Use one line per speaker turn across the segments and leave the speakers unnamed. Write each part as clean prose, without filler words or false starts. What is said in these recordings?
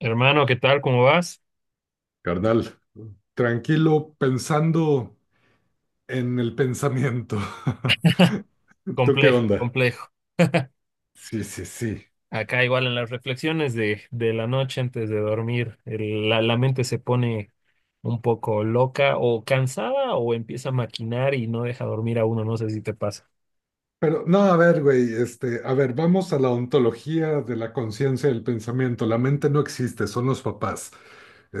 Hermano, ¿qué tal? ¿Cómo vas?
Carnal, tranquilo pensando en el pensamiento. ¿Tú qué
Complejo,
onda?
complejo.
Sí, sí, sí.
Acá igual en las reflexiones de la noche antes de dormir, la mente se pone un poco loca o cansada o empieza a maquinar y no deja dormir a uno, no sé si te pasa.
Pero no, a ver, güey, a ver, vamos a la ontología de la conciencia del pensamiento. La mente no existe, son los papás.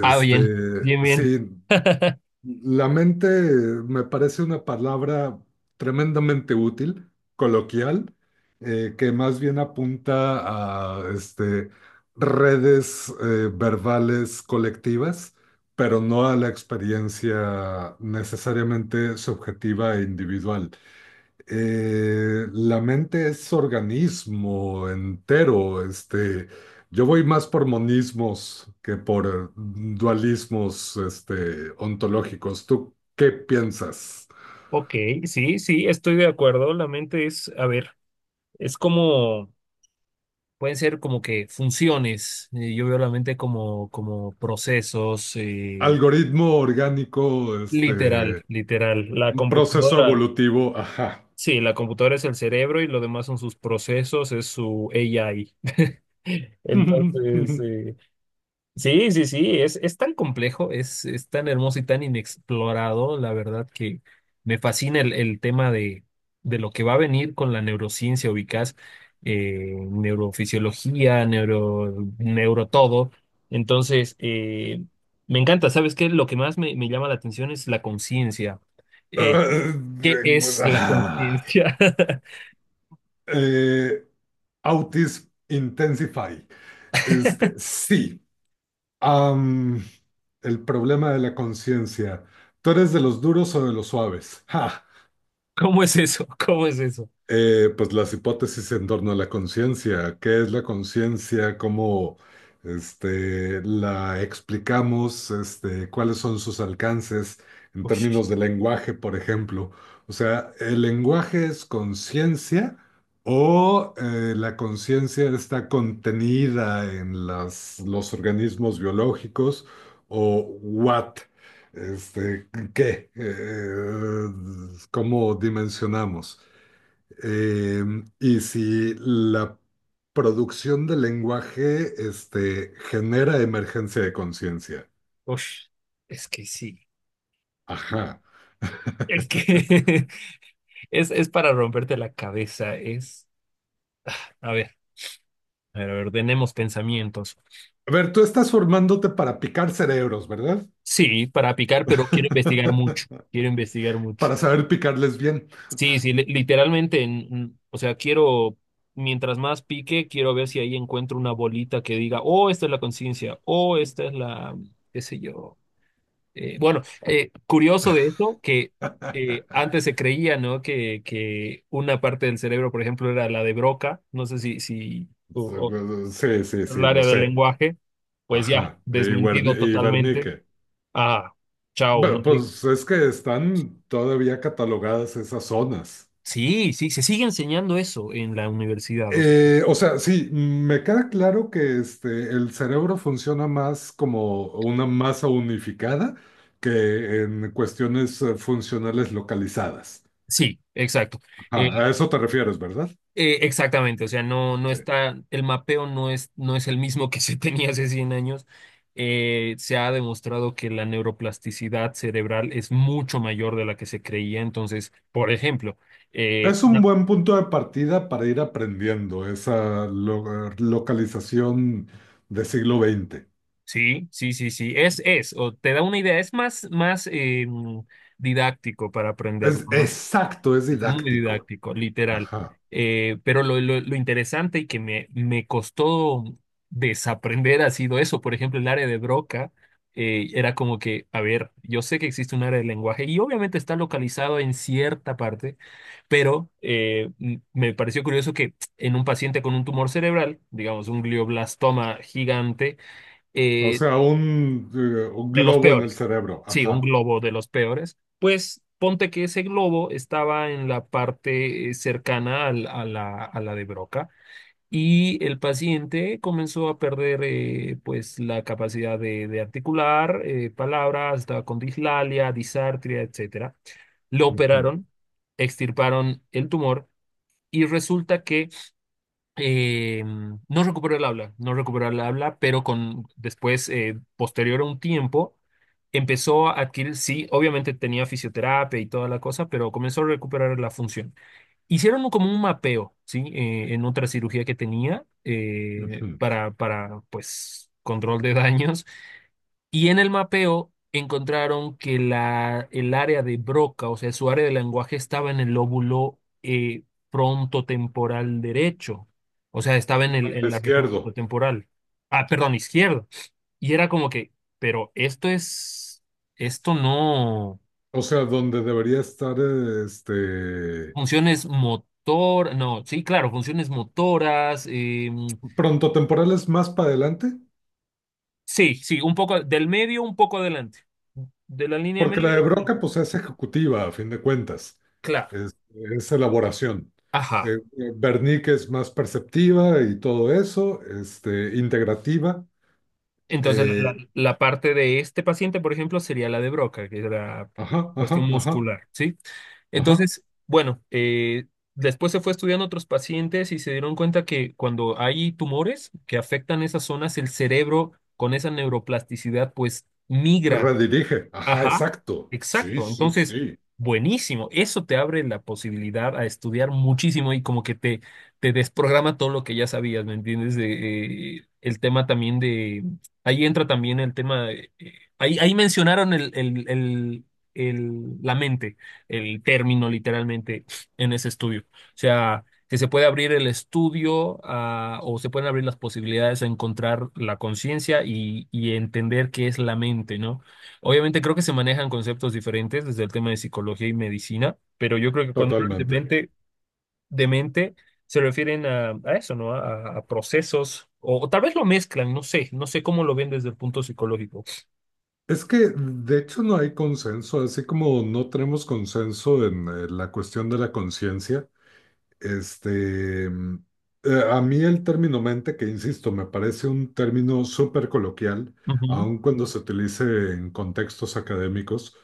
Ah, bien, bien, bien.
sí, La mente me parece una palabra tremendamente útil, coloquial, que más bien apunta a redes verbales colectivas, pero no a la experiencia necesariamente subjetiva e individual. La mente es organismo entero. Yo voy más por monismos que por dualismos, ontológicos. ¿Tú qué piensas?
Ok, sí, sí, estoy de acuerdo. La mente es, a ver, es como, pueden ser como que funciones. Yo veo la mente como, como procesos,
Algoritmo orgánico,
literal, literal. La
un proceso
computadora.
evolutivo, ajá.
Sí, la computadora es el cerebro y lo demás son sus procesos, es su AI. Entonces,
Eh,
sí, sí, sí, es tan complejo, es tan hermoso y tan inexplorado, la verdad que me fascina el tema de lo que va a venir con la neurociencia, ubicás, neurofisiología, neuro, neuro todo. Entonces, me encanta, ¿sabes qué? Lo que más me llama la atención es la conciencia. Eh, ¿Qué es la
Ah,
conciencia?
eh, Autis Intensify. Sí. Am, el problema de la conciencia. ¿Tú eres de los duros o de los suaves? ¡Ja!
¿Cómo es eso? ¿Cómo es eso?
Pues las hipótesis en torno a la conciencia. ¿Qué es la conciencia? ¿Cómo la explicamos? ¿Cuáles son sus alcances en
Ush,
términos de lenguaje, por ejemplo? O sea, ¿el lenguaje es conciencia o la conciencia está contenida en los organismos biológicos o what? Este, ¿qué? ¿Cómo dimensionamos? Eh, y si la producción del lenguaje, genera emergencia de conciencia.
ush, es que sí.
Ajá.
Es que es para romperte la cabeza. Es, a ver, a ver, a ver, tenemos pensamientos.
A ver, tú estás formándote para picar cerebros, ¿verdad?
Sí, para picar, pero quiero investigar mucho. Quiero investigar mucho.
Para saber picarles bien.
Sí, sí, literalmente, o sea, quiero, mientras más pique, quiero ver si ahí encuentro una bolita que diga, oh, esta es la conciencia, oh, esta es la, qué sé yo. Bueno, curioso de eso que antes se creía, ¿no? Que una parte del cerebro, por ejemplo, era la de Broca, no sé si o
Sí, sí,
el
sí, lo
área del
sé.
lenguaje, pues ya,
Ajá. Y, Guerni-
desmentido
y
totalmente.
Bernique.
Ah, chao, no.
Pues es que están todavía catalogadas esas zonas.
Sí, sí, se sigue enseñando eso en la universidad, o sea.
O sea, sí, me queda claro que el cerebro funciona más como una masa unificada que en cuestiones funcionales localizadas.
Sí, exacto. Eh,
Ajá, a eso te refieres, ¿verdad?
Exactamente, o sea, no, no
Sí.
está, el mapeo no es, no es el mismo que se tenía hace 100 años. Se ha demostrado que la neuroplasticidad cerebral es mucho mayor de la que se creía. Entonces, por ejemplo, eh,
Es un
una-
buen punto de partida para ir aprendiendo esa localización de siglo XX.
sí, sí, sí, sí, es, o te da una idea, es más, más didáctico para
Es
aprenderlo, ¿no?
exacto, es
Es muy
didáctico.
didáctico, literal.
Ajá.
Pero lo, lo interesante y que me costó desaprender ha sido eso. Por ejemplo, el área de Broca era como que, a ver, yo sé que existe un área de lenguaje y obviamente está localizado en cierta parte, pero me pareció curioso que en un paciente con un tumor cerebral, digamos un glioblastoma gigante,
O
eh,
sea, un
de los
globo en el
peores.
cerebro.
Sí, un
Ajá.
globo de los peores. Pues ponte que ese globo estaba en la parte cercana a la de Broca y el paciente comenzó a perder pues la capacidad de articular palabras, estaba con dislalia, disartria, etcétera. Lo
Ujú,
operaron, extirparon el tumor y resulta que eh, no recuperó el habla, no recuperó el habla, pero con después, posterior a un tiempo, empezó a adquirir, sí, obviamente tenía fisioterapia y toda la cosa, pero comenzó a recuperar la función. Como un mapeo, ¿sí? En otra cirugía que tenía
ujú.
para, pues, control de daños y en el mapeo encontraron que el área de Broca, o sea, su área de lenguaje estaba en el lóbulo frontotemporal derecho, o sea, estaba en el,
El
en la región
izquierdo.
frontotemporal, ah, perdón, izquierda. Y era como que, pero esto es, esto no,
O sea, donde debería estar este
funciones motor, no, sí, claro, funciones motoras,
pronto temporales más para adelante,
sí, sí, un poco del medio, un poco adelante, de la línea
porque la
media,
de
sí,
Broca pues es ejecutiva a fin de cuentas,
claro,
es, es elaboración.
ajá.
Bernique es más perceptiva y todo eso, integrativa.
Entonces,
eh,
la parte de este paciente, por ejemplo, sería la de Broca, que es la
ajá,
cuestión
ajá, ajá,
muscular, ¿sí?
ajá.
Entonces, bueno, después se fue estudiando otros pacientes y se dieron cuenta que cuando hay tumores que afectan esas zonas, el cerebro con esa neuroplasticidad, pues migra.
Redirige, ajá,
Ajá,
exacto. Sí,
exacto.
sí,
Entonces,
sí,
buenísimo. Eso te abre la posibilidad a estudiar muchísimo y como que te desprograma todo lo que ya sabías, ¿me entiendes? De, el tema también de... Ahí entra también el tema de... ahí, ahí mencionaron la mente, el término literalmente en ese estudio. O sea, que se puede abrir el estudio o se pueden abrir las posibilidades a encontrar la conciencia y entender qué es la mente, ¿no? Obviamente creo que se manejan conceptos diferentes desde el tema de psicología y medicina, pero yo creo que cuando hablan
totalmente.
de mente se refieren a eso, ¿no? A procesos, o tal vez lo mezclan, no sé, no sé cómo lo ven desde el punto psicológico.
Es que de hecho no hay consenso, así como no tenemos consenso en la cuestión de la conciencia. Este, mm, a mí el término mente, que insisto, me parece un término súper coloquial,
Ujú,
aun cuando se utilice en contextos académicos.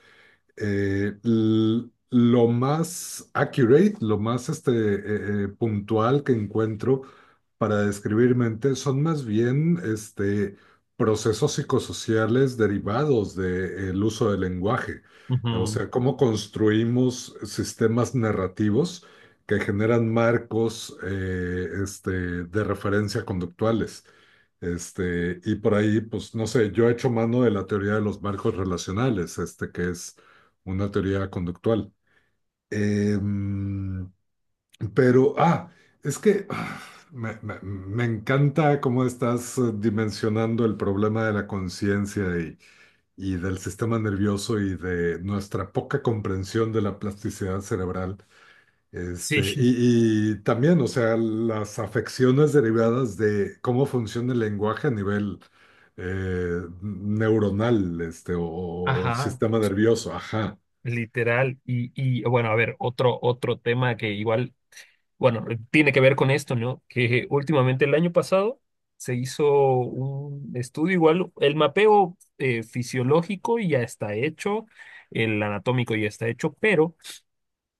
Lo más accurate, lo más puntual que encuentro para describir mente son más bien procesos psicosociales derivados del uso del lenguaje. O
ujú.
sea, cómo construimos sistemas narrativos que generan marcos de referencia conductuales. Y por ahí, pues no sé, yo he hecho mano de la teoría de los marcos relacionales, que es una teoría conductual. Em, pero, es que me encanta cómo estás dimensionando el problema de la conciencia del sistema nervioso y de nuestra poca comprensión de la plasticidad cerebral.
Sí,
También, o sea, las afecciones derivadas de cómo funciona el lenguaje a nivel neuronal, o
ajá,
sistema nervioso, ajá.
literal. Y bueno, a ver, otro, otro tema que igual bueno, tiene que ver con esto, ¿no? Que últimamente el año pasado se hizo un estudio igual, el mapeo fisiológico ya está hecho, el anatómico ya está hecho, pero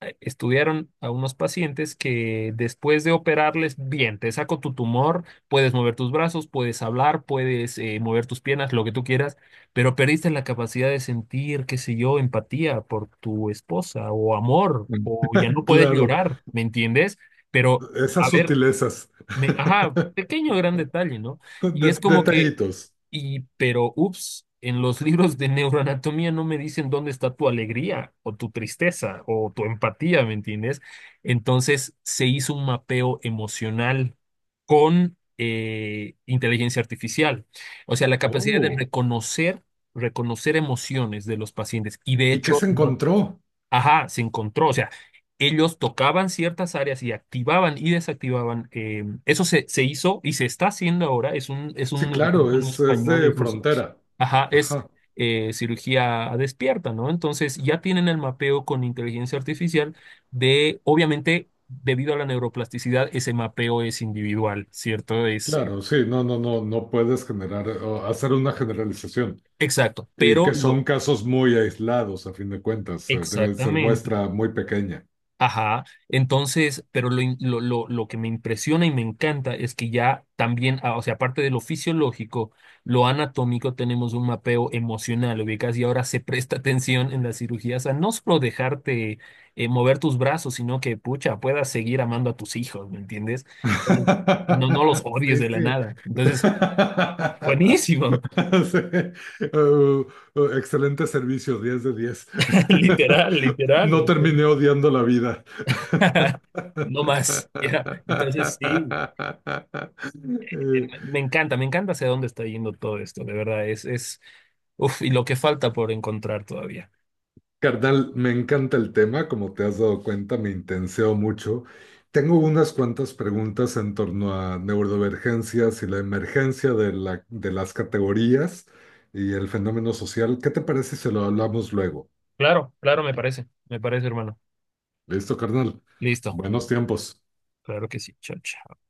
estudiaron a unos pacientes que después de operarles, bien, te saco tu tumor, puedes mover tus brazos, puedes hablar, puedes mover tus piernas, lo que tú quieras, pero perdiste la capacidad de sentir, qué sé yo, empatía por tu esposa o amor,
Mm.
o ya no puedes
Claro.
llorar, ¿me entiendes? Pero, a
Esas
ver,
sutilezas.
me, ajá, pequeño gran detalle, ¿no? Y es
De-
como que
detallitos.
y, pero, ups, en los libros de neuroanatomía no me dicen dónde está tu alegría o tu tristeza o tu empatía, ¿me entiendes? Entonces se hizo un mapeo emocional con inteligencia artificial. O sea, la capacidad de
Oh,
reconocer, reconocer emociones de los pacientes. Y de
¿y qué
hecho,
se
no.
encontró?
Ajá, se encontró, o sea, ellos tocaban ciertas áreas y activaban y desactivaban. Eso se, se hizo y se está haciendo ahora. Es
Sí, claro,
un
es
español
de
incluso.
frontera.
Ajá, es
Ajá,
cirugía despierta, ¿no? Entonces ya tienen el mapeo con inteligencia artificial de, obviamente, debido a la neuroplasticidad, ese mapeo es individual, ¿cierto? Es
claro, sí, no, no, no, no puedes generar o hacer una generalización.
exacto,
Y
pero
que son
lo...
casos muy aislados, a fin de cuentas, debe ser
Exactamente.
muestra muy pequeña.
Ajá, entonces, pero lo, lo que me impresiona y me encanta es que ya también, ah, o sea, aparte de lo fisiológico, lo anatómico, tenemos un mapeo emocional, ubicas, y ahora se presta atención en las cirugías a no solo dejarte mover tus brazos, sino que, pucha, puedas seguir amando a tus hijos, ¿me entiendes? Pues, no, no los odies
Sí,
de la
sí.
nada. Entonces, buenísimo,
Sí. Uh, Excelente servicio, 10 de 10.
literal, literal,
No
güey.
terminé odiando la vida.
No más, ya. Entonces, sí.
Eh,
Me encanta hacia dónde está yendo todo esto, de verdad, es, uf, y lo que falta por encontrar todavía.
Carnal, me encanta el tema, como te has dado cuenta, me intenseo mucho. Tengo unas cuantas preguntas en torno a neurodivergencias y la emergencia de las categorías y el fenómeno social. ¿Qué te parece si lo hablamos luego?
Claro, claro, me parece, hermano.
¿Listo, carnal?
Listo,
Buenos tiempos.
claro que sí, chao, chao.